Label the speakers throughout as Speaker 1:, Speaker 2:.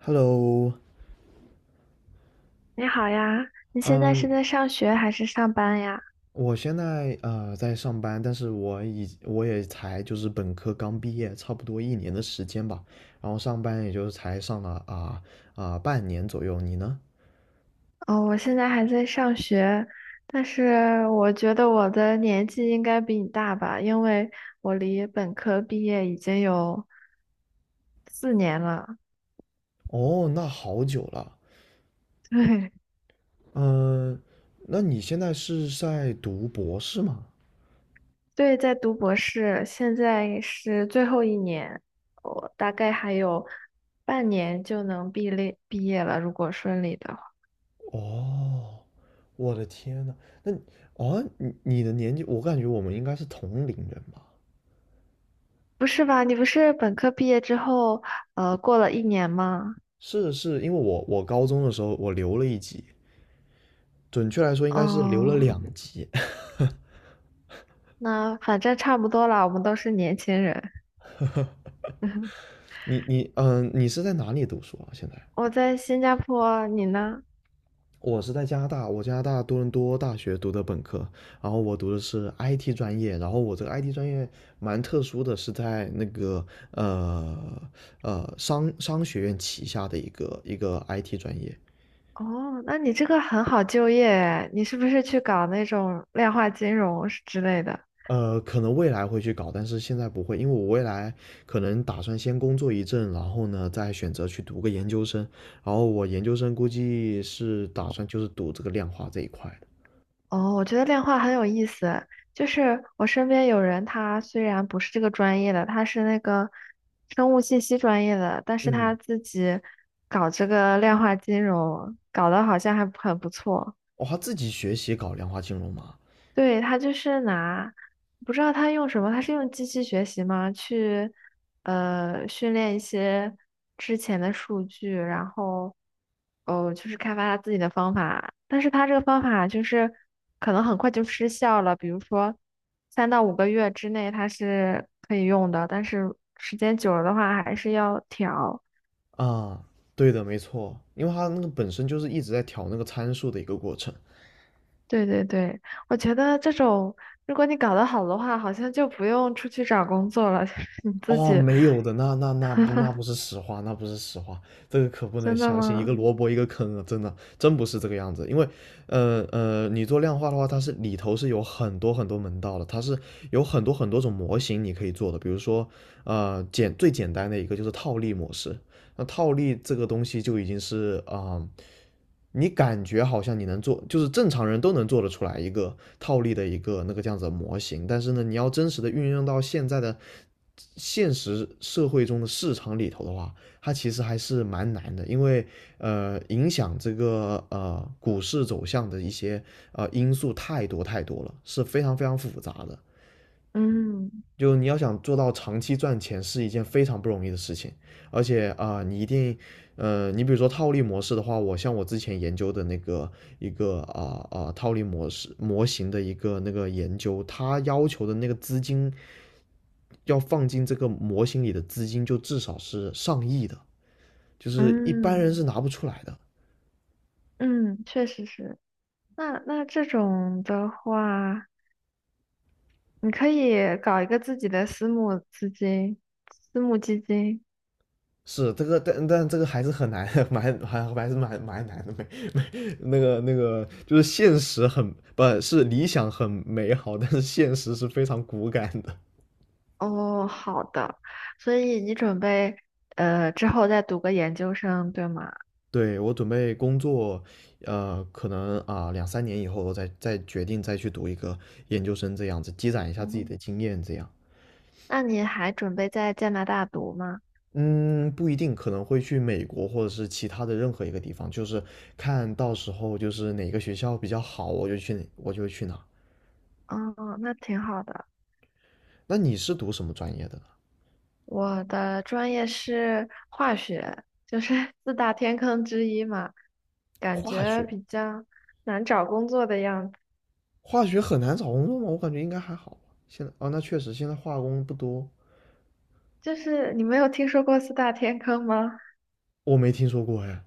Speaker 1: Hello，
Speaker 2: 你好呀，你现在
Speaker 1: 嗯，
Speaker 2: 是在上学还是上班呀？
Speaker 1: 我现在在上班，但是我也才就是本科刚毕业，差不多一年的时间吧，然后上班也就才上了半年左右。你呢？
Speaker 2: 哦，我现在还在上学，但是我觉得我的年纪应该比你大吧，因为我离本科毕业已经有4年了。
Speaker 1: 哦，那好久了。
Speaker 2: 对，
Speaker 1: 嗯，那你现在是在读博士吗？
Speaker 2: 对，在读博士，现在是最后一年，我大概还有半年就能毕业了，如果顺利的话。
Speaker 1: 哦，我的天呐，那哦，你的年纪，我感觉我们应该是同龄人吧？
Speaker 2: 不是吧？你不是本科毕业之后，过了一年吗？
Speaker 1: 是是，因为我高中的时候我留了一级，准确来说应该是留了
Speaker 2: 哦。
Speaker 1: 两级。
Speaker 2: 那反正差不多了，我们都是年轻人。
Speaker 1: 你你是在哪里读书啊？现在
Speaker 2: 我在新加坡，你呢？
Speaker 1: 我是在加拿大，我加拿大多伦多大学读的本科，然后我读的是 IT 专业，然后我这个 IT 专业蛮特殊的，是在那个呃商学院旗下的一个 IT 专业，
Speaker 2: 哦，那你这个很好就业诶，你是不是去搞那种量化金融是之类的？
Speaker 1: 可能未来会去搞，但是现在不会，因为我未来可能打算先工作一阵，然后呢，再选择去读个研究生，然后我研究生估计是打算就是读这个量化这一块的。
Speaker 2: 哦，我觉得量化很有意思，就是我身边有人，他虽然不是这个专业的，他是那个生物信息专业的，但是他
Speaker 1: 嗯，
Speaker 2: 自己搞这个量化金融，搞得好像还很不错。
Speaker 1: 哦，他自己学习搞量化金融嘛？
Speaker 2: 对，他就是拿，不知道他用什么，他是用机器学习吗？去，训练一些之前的数据，然后，哦，就是开发他自己的方法。但是他这个方法就是可能很快就失效了，比如说3到5个月之内他是可以用的，但是时间久了的话还是要调。
Speaker 1: 啊，对的，没错，因为他那个本身就是一直在调那个参数的一个过程。
Speaker 2: 对对对，我觉得这种如果你搞得好的话，好像就不用出去找工作了，你自
Speaker 1: 哦，
Speaker 2: 己。
Speaker 1: 没有的，那那那不那不是实话，那不是实话，这个可不能
Speaker 2: 真的
Speaker 1: 相信，一个
Speaker 2: 吗？
Speaker 1: 萝卜一个坑啊，真的，真不是这个样子。因为，你做量化的话，它是里头是有很多很多门道的，它是有很多很多种模型你可以做的。比如说，最简单的一个就是套利模式，那套利这个东西就已经是你感觉好像你能做，就是正常人都能做得出来一个套利的一个那个这样子的模型，但是呢，你要真实的运用到现在的现实社会中的市场里头的话，它其实还是蛮难的，因为影响这个股市走向的一些因素太多太多了，是非常非常复杂的。
Speaker 2: 嗯
Speaker 1: 就你要想做到长期赚钱是一件非常不容易的事情，而且你一定，你比如说套利模式的话，像我之前研究的那个一个套利模型的一个那个研究，它要求的那个资金要放进这个模型里的资金就至少是上亿的，就是一般
Speaker 2: 嗯
Speaker 1: 人是拿不出来的。
Speaker 2: 嗯，确实是。那这种的话，你可以搞一个自己的私募基金。
Speaker 1: 是这个，但这个还是很难，还是蛮难的，那个就是现实很不是理想很美好，但是现实是非常骨感的。
Speaker 2: 哦，好的。所以你准备之后再读个研究生，对吗？
Speaker 1: 对我准备工作，可能两三年以后我再决定再去读一个研究生这样子，积攒一下自己的
Speaker 2: 哦，
Speaker 1: 经验这样。
Speaker 2: 那你还准备在加拿大读吗？
Speaker 1: 嗯，不一定，可能会去美国或者是其他的任何一个地方，就是看到时候就是哪个学校比较好，我就去哪我就去哪。
Speaker 2: 哦，那挺好的。
Speaker 1: 那你是读什么专业的呢？
Speaker 2: 我的专业是化学，就是 四大天坑之一嘛，感
Speaker 1: 化
Speaker 2: 觉
Speaker 1: 学。
Speaker 2: 比较难找工作的样子。
Speaker 1: 化学很难找工作吗？我感觉应该还好吧。现在啊，那确实现在化工不多，
Speaker 2: 就是你没有听说过四大天坑吗？
Speaker 1: 我没听说过哎。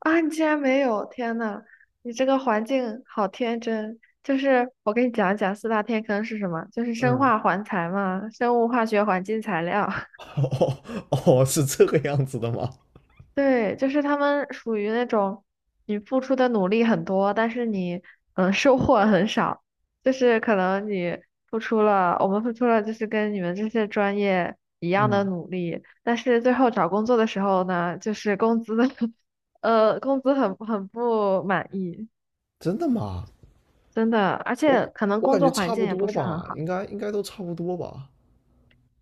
Speaker 2: 啊，你竟然没有！天呐，你这个环境好天真。就是我给你讲一讲四大天坑是什么，就是生
Speaker 1: 嗯
Speaker 2: 化环材嘛，生物化学环境材料。
Speaker 1: 哦哦，是这个样子的吗？
Speaker 2: 对，就是他们属于那种你付出的努力很多，但是你收获很少，就是可能你付出了，我们付出了就是跟你们这些专业一样的
Speaker 1: 嗯，
Speaker 2: 努力，但是最后找工作的时候呢，就是工资 工资很不满意，
Speaker 1: 真的吗？
Speaker 2: 真的，而
Speaker 1: 我
Speaker 2: 且可能
Speaker 1: 我
Speaker 2: 工
Speaker 1: 感
Speaker 2: 作
Speaker 1: 觉
Speaker 2: 环
Speaker 1: 差
Speaker 2: 境
Speaker 1: 不
Speaker 2: 也不
Speaker 1: 多
Speaker 2: 是很
Speaker 1: 吧，
Speaker 2: 好。
Speaker 1: 应该应该都差不多吧。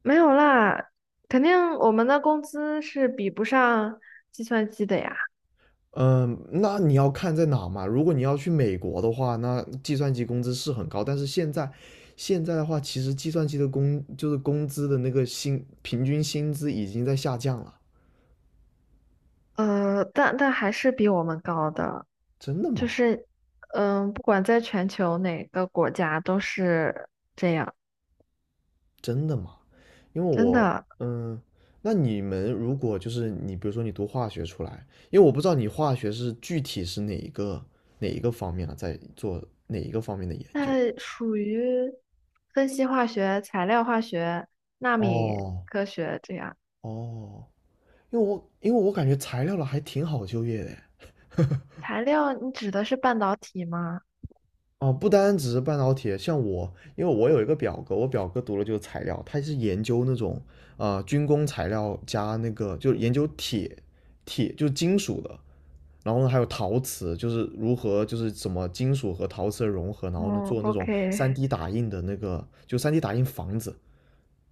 Speaker 2: 没有啦，肯定我们的工资是比不上计算机的呀。
Speaker 1: 嗯，那你要看在哪嘛？如果你要去美国的话，那计算机工资是很高，但是现在的话，其实计算机的就是工资的那个平均薪资已经在下降了。
Speaker 2: 但还是比我们高的，
Speaker 1: 真的
Speaker 2: 就
Speaker 1: 吗？
Speaker 2: 是，不管在全球哪个国家都是这样，
Speaker 1: 真的吗？因为
Speaker 2: 真
Speaker 1: 我，
Speaker 2: 的。
Speaker 1: 嗯，那你们如果就是你，比如说你读化学出来，因为我不知道你化学是具体是哪一个哪一个方面啊，在做哪一个方面的研究？
Speaker 2: 那属于分析化学、材料化学、纳米
Speaker 1: 哦
Speaker 2: 科学这样。
Speaker 1: 哦，因为我感觉材料了还挺好就业的诶，
Speaker 2: 材料，你指的是半导体吗？
Speaker 1: 哦，不单只是半导体，像我，因为我有一个表哥，我表哥读了就是材料，他是研究那种军工材料加那个就是研究铁就是金属的，然后呢还有陶瓷，就是如何就是什么金属和陶瓷的融合，然后呢
Speaker 2: 嗯
Speaker 1: 做那种
Speaker 2: ，OK。
Speaker 1: 3D 打印的那个，就 3D 打印房子。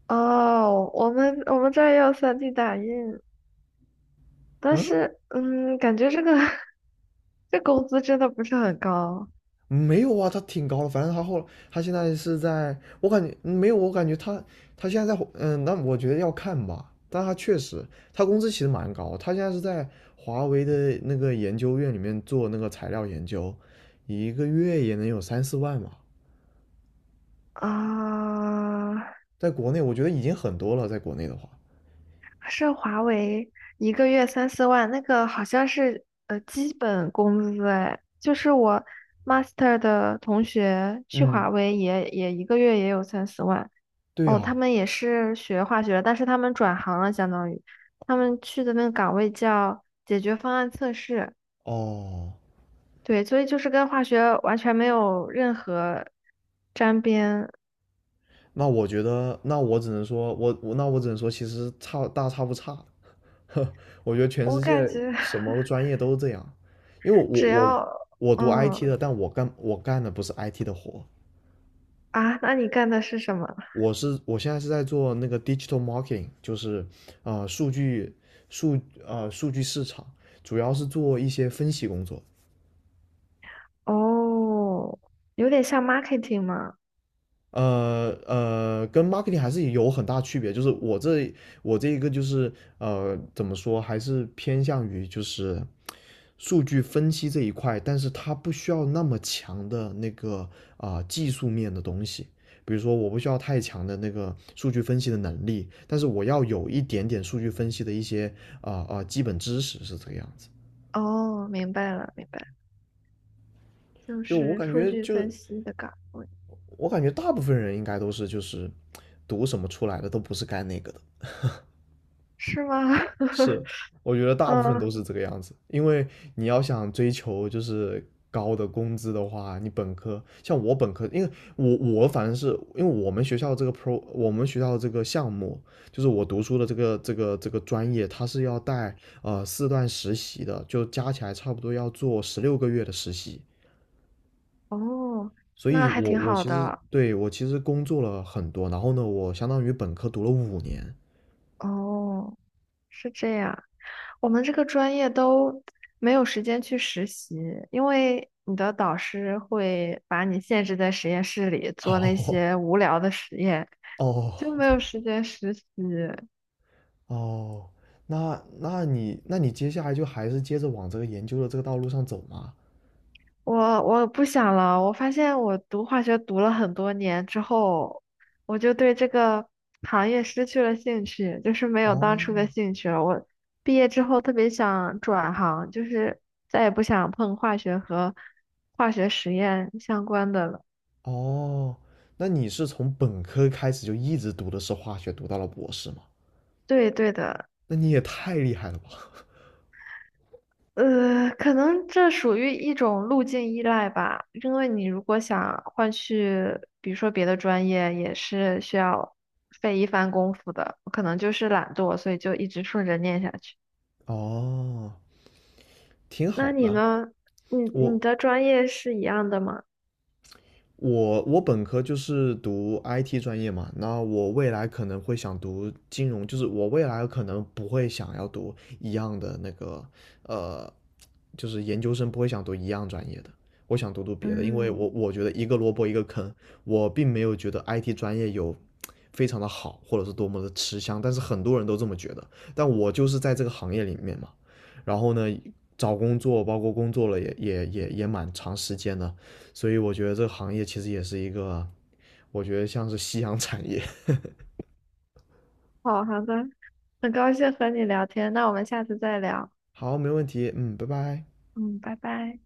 Speaker 2: 哦，我们这儿也有 3D 打印，但
Speaker 1: 嗯，
Speaker 2: 是，感觉这个 这工资真的不是很高
Speaker 1: 没有啊，他挺高的，反正他现在是在，我感觉没有，我感觉他现在在，嗯，那我觉得要看吧，但他确实他工资其实蛮高，他现在是在华为的那个研究院里面做那个材料研究，一个月也能有三四万吧，
Speaker 2: 啊。
Speaker 1: 在国内我觉得已经很多了，在国内的话，
Speaker 2: 是华为一个月三四万，那个好像是基本工资哎，就是我 master 的同学去华
Speaker 1: 嗯，
Speaker 2: 为也一个月也有三四万
Speaker 1: 对
Speaker 2: 哦，他
Speaker 1: 啊，
Speaker 2: 们也是学化学的但是他们转行了，相当于他们去的那个岗位叫解决方案测试，
Speaker 1: 哦，
Speaker 2: 对，所以就是跟化学完全没有任何沾边，
Speaker 1: 那我觉得，那我只能说，我只能说，其实差不差。我觉得全
Speaker 2: 我
Speaker 1: 世界
Speaker 2: 感觉
Speaker 1: 什么 专业都是这样，因为我
Speaker 2: 只
Speaker 1: 我
Speaker 2: 要
Speaker 1: 我读 IT
Speaker 2: 嗯
Speaker 1: 的，但我干的不是 IT 的活，
Speaker 2: 那你干的是什么？
Speaker 1: 我现在是在做那个 digital marketing，就是啊数据数数据市场，主要是做一些分析工作。
Speaker 2: 哦，有点像 marketing 吗？
Speaker 1: 跟 marketing 还是有很大区别，就是我这一个就是怎么说，还是偏向于就是。数据分析这一块，但是它不需要那么强的那个技术面的东西。比如说，我不需要太强的那个数据分析的能力，但是我要有一点点数据分析的一些基本知识是这个样子。
Speaker 2: 哦，明白了，明白了就
Speaker 1: 就我
Speaker 2: 是
Speaker 1: 感
Speaker 2: 数
Speaker 1: 觉
Speaker 2: 据
Speaker 1: 就，就
Speaker 2: 分析的岗位，
Speaker 1: 我感觉大部分人应该都是就是读什么出来的都不是干那个的。
Speaker 2: 是吗？
Speaker 1: 是，我觉得大部分都
Speaker 2: 嗯，
Speaker 1: 是这个样子，因为你要想追求就是高的工资的话，你本科像我本科，因为我反正是因为我们学校这个 我们学校这个项目就是我读书的这个专业，它是要带四段实习的，就加起来差不多要做16个月的实习。
Speaker 2: 哦，
Speaker 1: 所
Speaker 2: 那
Speaker 1: 以
Speaker 2: 还
Speaker 1: 我，
Speaker 2: 挺
Speaker 1: 我
Speaker 2: 好
Speaker 1: 其实
Speaker 2: 的。
Speaker 1: 对我其实工作了很多，然后呢，我相当于本科读了5年。
Speaker 2: 哦，是这样，我们这个专业都没有时间去实习，因为你的导师会把你限制在实验室里做那 些无聊的实验，
Speaker 1: 哦
Speaker 2: 就没
Speaker 1: 哦，
Speaker 2: 有时间实习。
Speaker 1: 哦，那你接下来就还是接着往这个研究的这个道路上走吗？
Speaker 2: 我不想了，我发现我读化学读了很多年之后，我就对这个行业失去了兴趣，就是没有当初
Speaker 1: 哦，
Speaker 2: 的兴趣了。我毕业之后特别想转行，就是再也不想碰化学和化学实验相关的了。
Speaker 1: 哦，那你是从本科开始就一直读的是化学，读到了博士吗？
Speaker 2: 对对的，
Speaker 1: 那你也太厉害了吧！
Speaker 2: 可能这属于一种路径依赖吧，因为你如果想换去，比如说别的专业，也是需要费一番功夫的。我可能就是懒惰，所以就一直顺着念下去。
Speaker 1: 哦，挺
Speaker 2: 那
Speaker 1: 好的。
Speaker 2: 你呢？你
Speaker 1: 嗯
Speaker 2: 你
Speaker 1: 我
Speaker 2: 的专业是一样的吗？
Speaker 1: 我本科就是读 IT 专业嘛，那我未来可能会想读金融，就是我未来可能不会想要读一样的那个呃就是研究生不会想读一样专业的，我想读读别的，因为
Speaker 2: 嗯，
Speaker 1: 我觉得一个萝卜一个坑，我并没有觉得 IT 专业有非常的好，或者是多么的吃香，但是很多人都这么觉得，但我就是在这个行业里面嘛，然后呢，找工作包括工作了也蛮长时间的，所以我觉得这个行业其实也是一个，我觉得像是夕阳产业。
Speaker 2: 好好的，很高兴和你聊天，那我们下次再聊。
Speaker 1: 好，没问题，嗯，拜拜。
Speaker 2: 嗯，拜拜。